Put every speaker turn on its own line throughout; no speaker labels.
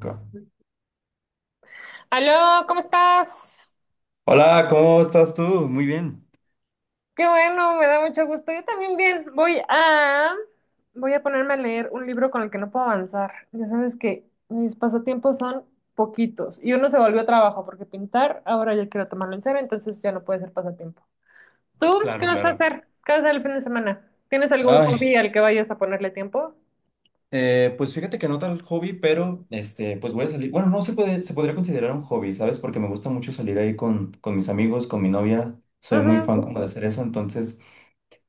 Co-
Aló, ¿cómo estás?
Hola, ¿cómo estás tú? Muy bien.
Qué bueno, me da mucho gusto. Yo también bien. Voy a ponerme a leer un libro con el que no puedo avanzar. Ya sabes que mis pasatiempos son poquitos y uno se volvió trabajo porque pintar ahora ya quiero tomarlo en serio, entonces ya no puede ser pasatiempo. ¿Tú qué
Claro,
vas a
claro.
hacer? ¿Qué vas a hacer el fin de semana? ¿Tienes algún
Ay,
hobby al que vayas a ponerle tiempo?
pues fíjate que no tal hobby, pero pues voy a salir. Bueno, no se puede, se podría considerar un hobby, ¿sabes? Porque me gusta mucho salir ahí con mis amigos, con mi novia. Soy muy
Ujú,
fan como de hacer eso, entonces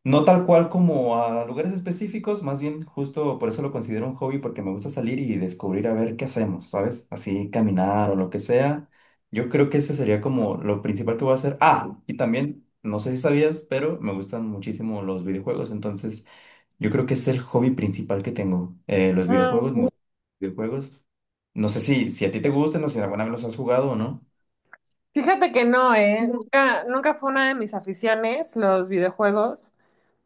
no tal cual como a lugares específicos, más bien justo por eso lo considero un hobby, porque me gusta salir y descubrir a ver qué hacemos, ¿sabes? Así caminar o lo que sea. Yo creo que ese sería como lo principal que voy a hacer. Ah, y también, no sé si sabías, pero me gustan muchísimo los videojuegos, entonces yo creo que es el hobby principal que tengo. Los
mm.
videojuegos, me gustan los videojuegos. No sé si a ti te gustan o si alguna vez los has jugado o no.
Fíjate que no, ¿eh? Nunca, nunca fue una de mis aficiones los videojuegos.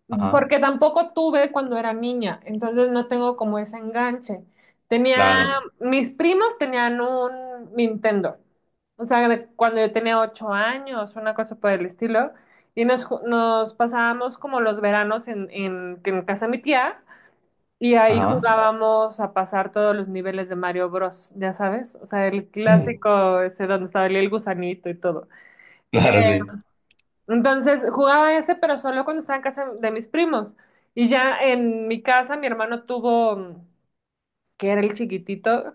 Ajá,
Porque tampoco tuve cuando era niña, entonces no tengo como ese enganche. Tenía,
claro.
Mis primos tenían un Nintendo, o sea, de cuando yo tenía 8 años, una cosa por el estilo, y nos pasábamos como los veranos en casa de mi tía, y ahí
Ajá.
jugábamos a pasar todos los niveles de Mario Bros, ya sabes, o sea, el
Sí,
clásico, ese donde estaba el gusanito y todo.
claro, sí.
Entonces jugaba ese, pero solo cuando estaba en casa de mis primos. Y ya en mi casa, mi hermano tuvo, que era el chiquitito,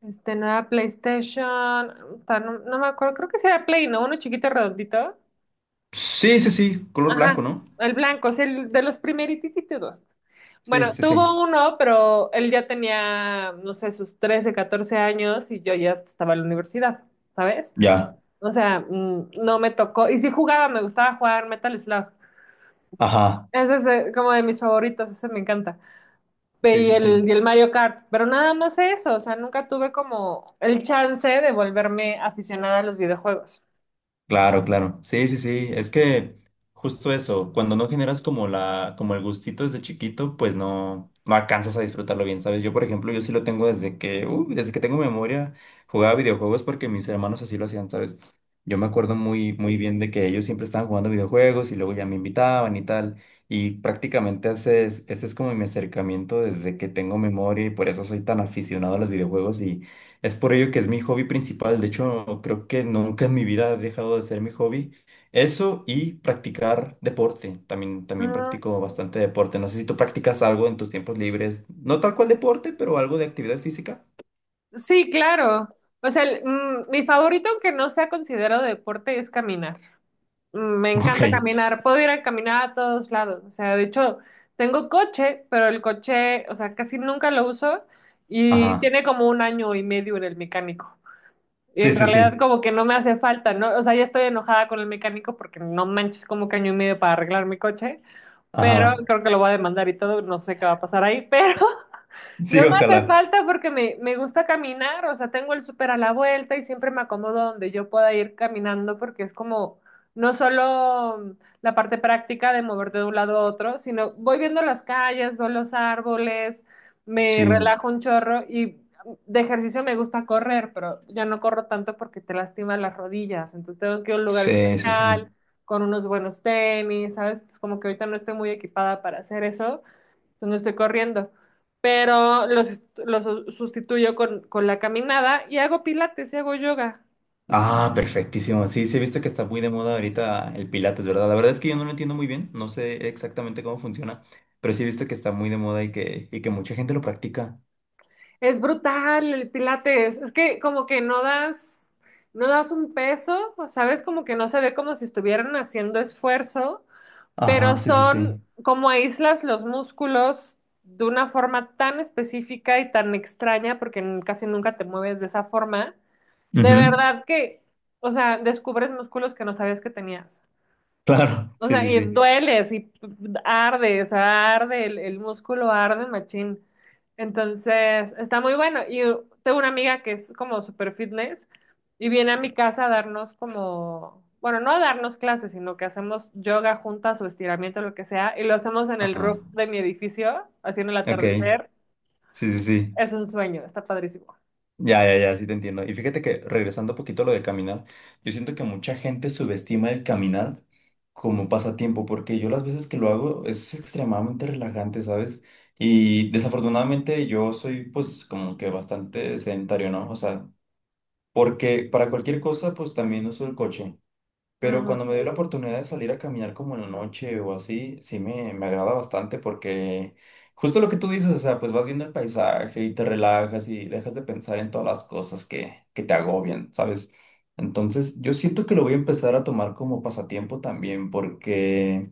este, no era PlayStation, no, no me acuerdo, creo que sí era Play, ¿no? Uno chiquito redondito.
Sí, sí, sí, color blanco,
Ajá,
¿no?
el blanco, es el de los primerititos.
Sí,
Bueno,
sí, sí.
tuvo uno, pero él ya tenía, no sé, sus 13, 14 años y yo ya estaba en la universidad, ¿sabes?
Ya,
O sea, no me tocó. Y sí jugaba, me gustaba jugar Metal Slug.
ajá,
Ese es como de mis favoritos, ese me encanta.
sí,
Y
sí, sí.
el Mario Kart, pero nada más eso, o sea, nunca tuve como el chance de volverme aficionada a los videojuegos.
Claro, claro. Sí, sí, sí, es que justo eso, cuando no generas como como el gustito desde chiquito, pues no, no alcanzas a disfrutarlo bien, ¿sabes? Yo, por ejemplo, yo sí lo tengo desde que desde que tengo memoria, jugaba videojuegos porque mis hermanos así lo hacían, ¿sabes? Yo me acuerdo muy, muy bien de que ellos siempre estaban jugando videojuegos y luego ya me invitaban y tal. Y prácticamente ese es como mi acercamiento desde que tengo memoria y por eso soy tan aficionado a los videojuegos. Y. Es por ello que es mi hobby principal. De hecho, creo que nunca en mi vida he dejado de ser mi hobby. Eso y practicar deporte. También, también
Mm,
practico bastante deporte. No sé si tú practicas algo en tus tiempos libres. No tal cual deporte, pero algo de actividad física.
sí, claro. O sea, mi favorito, aunque no sea considerado deporte, es caminar. Me
Ok.
encanta caminar, puedo ir a caminar a todos lados. O sea, de hecho, tengo coche, pero el coche, o sea, casi nunca lo uso y
Ajá.
tiene como un año y medio en el mecánico. Y
Sí,
en
sí, sí.
realidad como que no me hace falta, ¿no? O sea, ya estoy enojada con el mecánico porque no manches como que año y medio para arreglar mi coche, pero
Ajá.
creo que lo voy a demandar y todo, no sé qué va a pasar ahí, pero no
Sí,
me hace
ojalá.
falta porque me gusta caminar, o sea, tengo el súper a la vuelta y siempre me acomodo donde yo pueda ir caminando porque es como no solo la parte práctica de moverte de un lado a otro, sino voy viendo las calles, veo los árboles, me
Sí,
relajo un chorro y de ejercicio me gusta correr, pero ya no corro tanto porque te lastiman las rodillas, entonces tengo que ir a un lugar
sí, sí,
especial,
sí.
con unos buenos tenis, ¿sabes? Pues como que ahorita no estoy muy equipada para hacer eso entonces no estoy corriendo, pero los sustituyo con la caminada y hago pilates y hago yoga.
Ah, perfectísimo. Sí, sí, he visto que está muy de moda ahorita el Pilates, ¿verdad? La verdad es que yo no lo entiendo muy bien, no sé exactamente cómo funciona, pero sí he visto que está muy de moda y que mucha gente lo practica.
Es brutal el pilates, es que como que no das, no das un peso, ¿sabes? Como que no se ve como si estuvieran haciendo esfuerzo, pero
Ajá, sí, sí,
son
sí.
como aíslas los músculos de una forma tan específica y tan extraña, porque casi nunca te mueves de esa forma. De
Ujú.
verdad que, o sea, descubres músculos que no sabías que tenías.
Claro,
O
sí,
sea,
sí,
y
sí.
dueles y arde, o arde, el músculo arde, machín. Entonces, está muy bueno. Y tengo una amiga que es como super fitness y viene a mi casa a darnos como, bueno, no a darnos clases, sino que hacemos yoga juntas o estiramiento, lo que sea, y lo hacemos en el roof
Ajá,
de mi edificio, haciendo el
ok,
atardecer.
sí, sí, sí.
Es un sueño, está padrísimo.
Ya, ya, ya, sí te entiendo. Y fíjate que regresando un poquito a lo de caminar, yo siento que mucha gente subestima el caminar como pasatiempo, porque yo las veces que lo hago es extremadamente relajante, ¿sabes? Y desafortunadamente yo soy pues como que bastante sedentario, ¿no? O sea, porque para cualquier cosa pues también uso el coche. Pero
Ujú,
cuando me dio la oportunidad de salir a caminar como en la noche o así, sí me agrada bastante porque justo lo que tú dices, o sea, pues vas viendo el paisaje y te relajas y dejas de pensar en todas las cosas que te agobian, ¿sabes? Entonces, yo siento que lo voy a empezar a tomar como pasatiempo también porque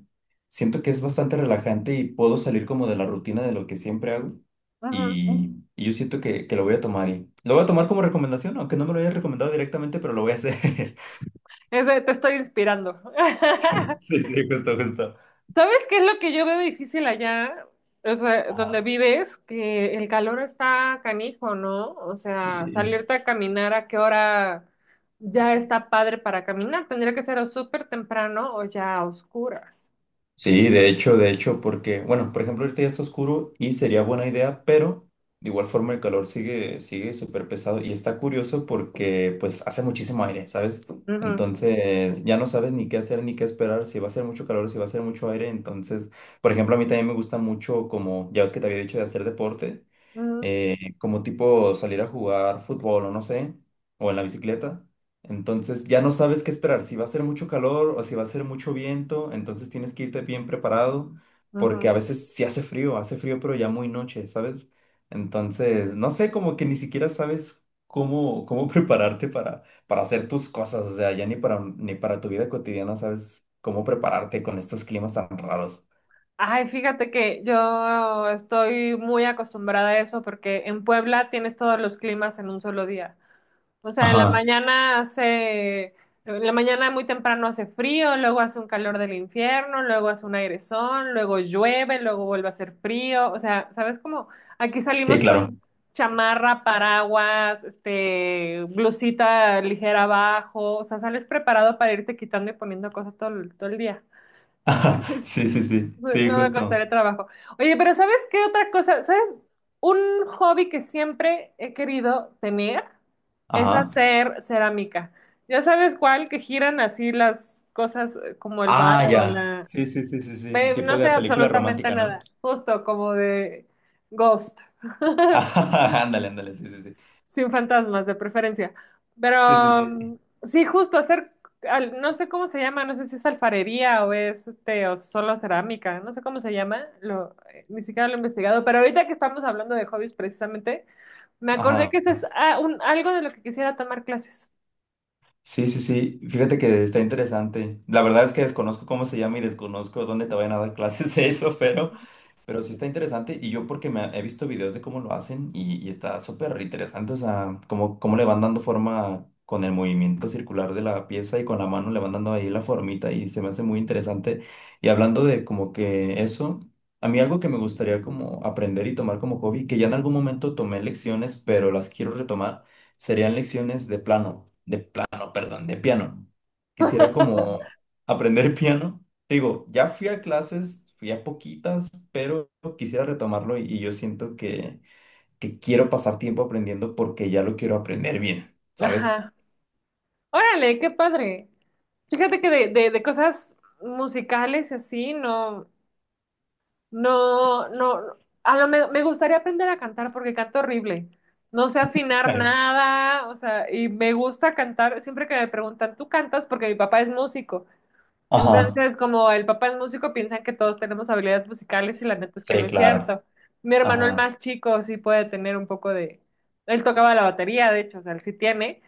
siento que es bastante relajante y puedo salir como de la rutina de lo que siempre hago, ¿no?
ujú.
Y yo siento que lo voy a tomar y lo voy a tomar como recomendación, aunque no me lo hayas recomendado directamente, pero lo voy a hacer.
Eso te estoy inspirando.
Sí, sí, justo, justo.
¿Sabes qué es lo que yo veo difícil allá? O sea, donde vives, que el calor está canijo, ¿no? O sea,
Sí.
salirte a caminar a qué hora ya está padre para caminar. Tendría que ser o súper temprano o ya a oscuras.
Sí, de hecho, porque, bueno, por ejemplo, ahorita ya está oscuro y sería buena idea, pero de igual forma el calor sigue, sigue súper pesado y está curioso porque pues hace muchísimo aire, ¿sabes?
Ujú,
Entonces ya no sabes ni qué hacer ni qué esperar, si va a ser mucho calor, si va a ser mucho aire, entonces, por ejemplo, a mí también me gusta mucho como, ya ves que te había dicho de hacer deporte, como tipo salir a jugar fútbol o no sé, o en la bicicleta. Entonces ya no sabes qué esperar, si va a ser mucho calor o si va a ser mucho viento, entonces tienes que irte bien preparado,
ujú, ujú.
porque a veces sí hace frío pero ya muy noche, ¿sabes? Entonces, no sé, como que ni siquiera sabes cómo prepararte para hacer tus cosas, o sea, ya ni ni para tu vida cotidiana sabes cómo prepararte con estos climas tan raros.
Ay, fíjate que yo estoy muy acostumbrada a eso porque en Puebla tienes todos los climas en un solo día. O sea,
Ajá,
en la mañana muy temprano hace frío, luego hace un calor del infierno, luego hace un airezón, luego llueve, luego vuelve a hacer frío. O sea, ¿sabes cómo? Aquí
sí,
salimos con
claro.
chamarra, paraguas, este, blusita ligera abajo. O sea, sales preparado para irte quitando y poniendo cosas todo, todo el día.
Ajá,
Entonces,
sí, sí, sí, sí,
no me
justo.
costaría trabajo. Oye, pero ¿sabes qué otra cosa? ¿Sabes? Un hobby que siempre he querido tener es
Ajá.
hacer cerámica. Ya sabes cuál, que giran así las cosas como el
Ah,
barro,
ya.
la...
Sí, sí, sí, sí, sí.
No
Tipo
sé
de película
absolutamente
romántica, ¿no?
nada, justo como de Ghost.
Ajá, ándale, ándale, sí, sí, sí.
Sin fantasmas, de preferencia.
Sí, sí,
Pero
sí.
sí, justo hacer, no sé cómo se llama, no sé si es alfarería o es este, o solo cerámica, no sé cómo se llama, lo, ni siquiera lo he investigado. Pero ahorita que estamos hablando de hobbies precisamente, me acordé
Ajá.
que ese es algo de lo que quisiera tomar clases.
Sí, sí, sí. Fíjate que está interesante. La verdad es que desconozco cómo se llama y desconozco dónde te vayan a dar clases de eso, pero sí está interesante y yo porque me he visto videos de cómo lo hacen y está súper interesante, o sea, cómo le van dando forma con el movimiento circular de la pieza y con la mano le van dando ahí la formita y se me hace muy interesante. Y hablando de como que eso, a mí algo que me gustaría como aprender y tomar como hobby, que ya en algún momento tomé lecciones, pero las quiero retomar, serían lecciones de piano. Quisiera como aprender piano, te digo, ya fui a clases, fui a poquitas, pero quisiera retomarlo y yo siento que quiero pasar tiempo aprendiendo porque ya lo quiero aprender bien, ¿sabes?
Ajá. Órale, qué padre. Fíjate que de cosas musicales y así, no. No, no, no. Me gustaría aprender a cantar porque canto horrible. No sé afinar
Claro.
nada, o sea, y me gusta cantar. Siempre que me preguntan, ¿tú cantas? Porque mi papá es músico.
Ajá.
Entonces, como el papá es músico, piensan que todos tenemos habilidades musicales y la neta es que no
Sí,
es
claro.
cierto. Mi hermano, el
Ajá.
más chico, sí puede tener un poco de... Él tocaba la batería, de hecho, o sea, él sí tiene,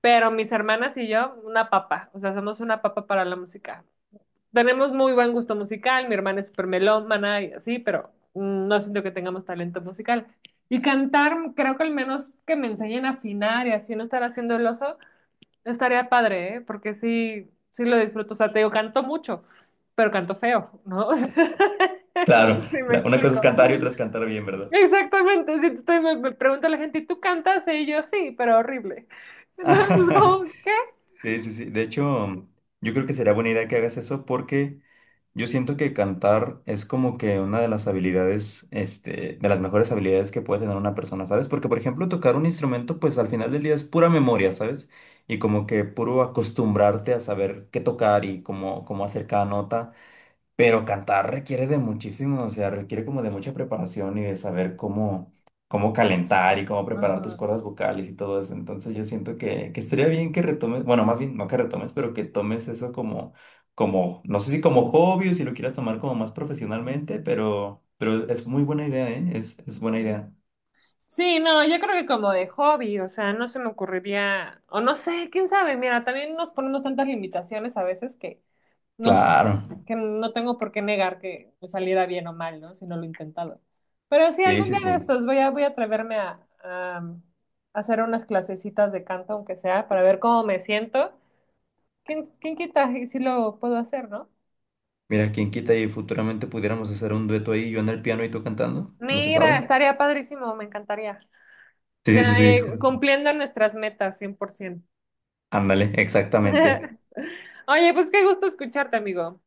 pero mis hermanas y yo, una papa, o sea, somos una papa para la música. Tenemos muy buen gusto musical, mi hermana es súper melómana y así, pero no siento que tengamos talento musical. Y cantar, creo que al menos que me enseñen a afinar y así no estar haciendo el oso, estaría padre, ¿eh? Porque sí, sí lo disfruto. O sea, te digo, canto mucho, pero canto feo, ¿no? O sea, no
Claro.
sé si me
La- una cosa es
explico.
cantar y otra es cantar bien, ¿verdad?
Exactamente, si estoy, me pregunta la gente, ¿y tú cantas? Y yo sí, pero horrible. Entonces, como, ¿qué?
Sí, sí, sí. De hecho, yo creo que sería buena idea que hagas eso porque yo siento que cantar es como que una de las habilidades, de las mejores habilidades que puede tener una persona, ¿sabes? Porque, por ejemplo, tocar un instrumento, pues al final del día es pura memoria, ¿sabes? Y como que puro acostumbrarte a saber qué tocar y cómo hacer cada nota. Pero cantar requiere de muchísimo, o sea, requiere como de mucha preparación y de saber cómo, cómo calentar y cómo preparar tus cuerdas vocales y todo eso. Entonces yo siento que estaría bien que retomes, bueno, más bien no que retomes, pero que tomes eso como, no sé si como hobby o si lo quieras tomar como más profesionalmente, pero es muy buena idea, ¿eh? Es buena idea.
Sí, no, yo creo que como de hobby, o sea, no se me ocurriría, o no sé, quién sabe, mira, también nos ponemos tantas limitaciones a veces que, nos,
Claro.
que no tengo por qué negar que me saliera bien o mal, ¿no? Si no lo he intentado. Pero sí,
Sí,
algún
sí,
día de
sí.
estos voy a, atreverme a hacer unas clasecitas de canto, aunque sea, para ver cómo me siento. ¿Quién quita y si lo puedo hacer, ¿no?
Mira, quién quita y futuramente pudiéramos hacer un dueto ahí, yo en el piano y tú cantando, no se
Mira,
sabe.
estaría padrísimo, me encantaría.
Sí,
Ya,
sí, sí.
cumpliendo nuestras metas, 100%.
Ándale, exactamente.
Oye, pues qué gusto escucharte, amigo.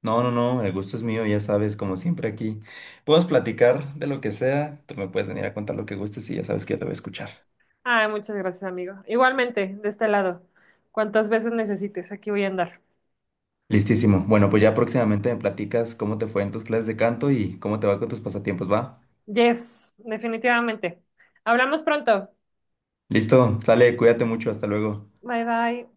No, no, no, el gusto es mío, ya sabes, como siempre aquí. Puedes platicar de lo que sea, tú me puedes venir a contar lo que gustes y ya sabes que yo te voy a escuchar.
Ay, muchas gracias, amigo. Igualmente, de este lado. Cuantas veces necesites, aquí voy a andar.
Listísimo. Bueno, pues ya próximamente me platicas cómo te fue en tus clases de canto y cómo te va con tus pasatiempos, ¿va?
Yes, definitivamente. Hablamos pronto.
Listo, sale, cuídate mucho, hasta luego.
Bye, bye.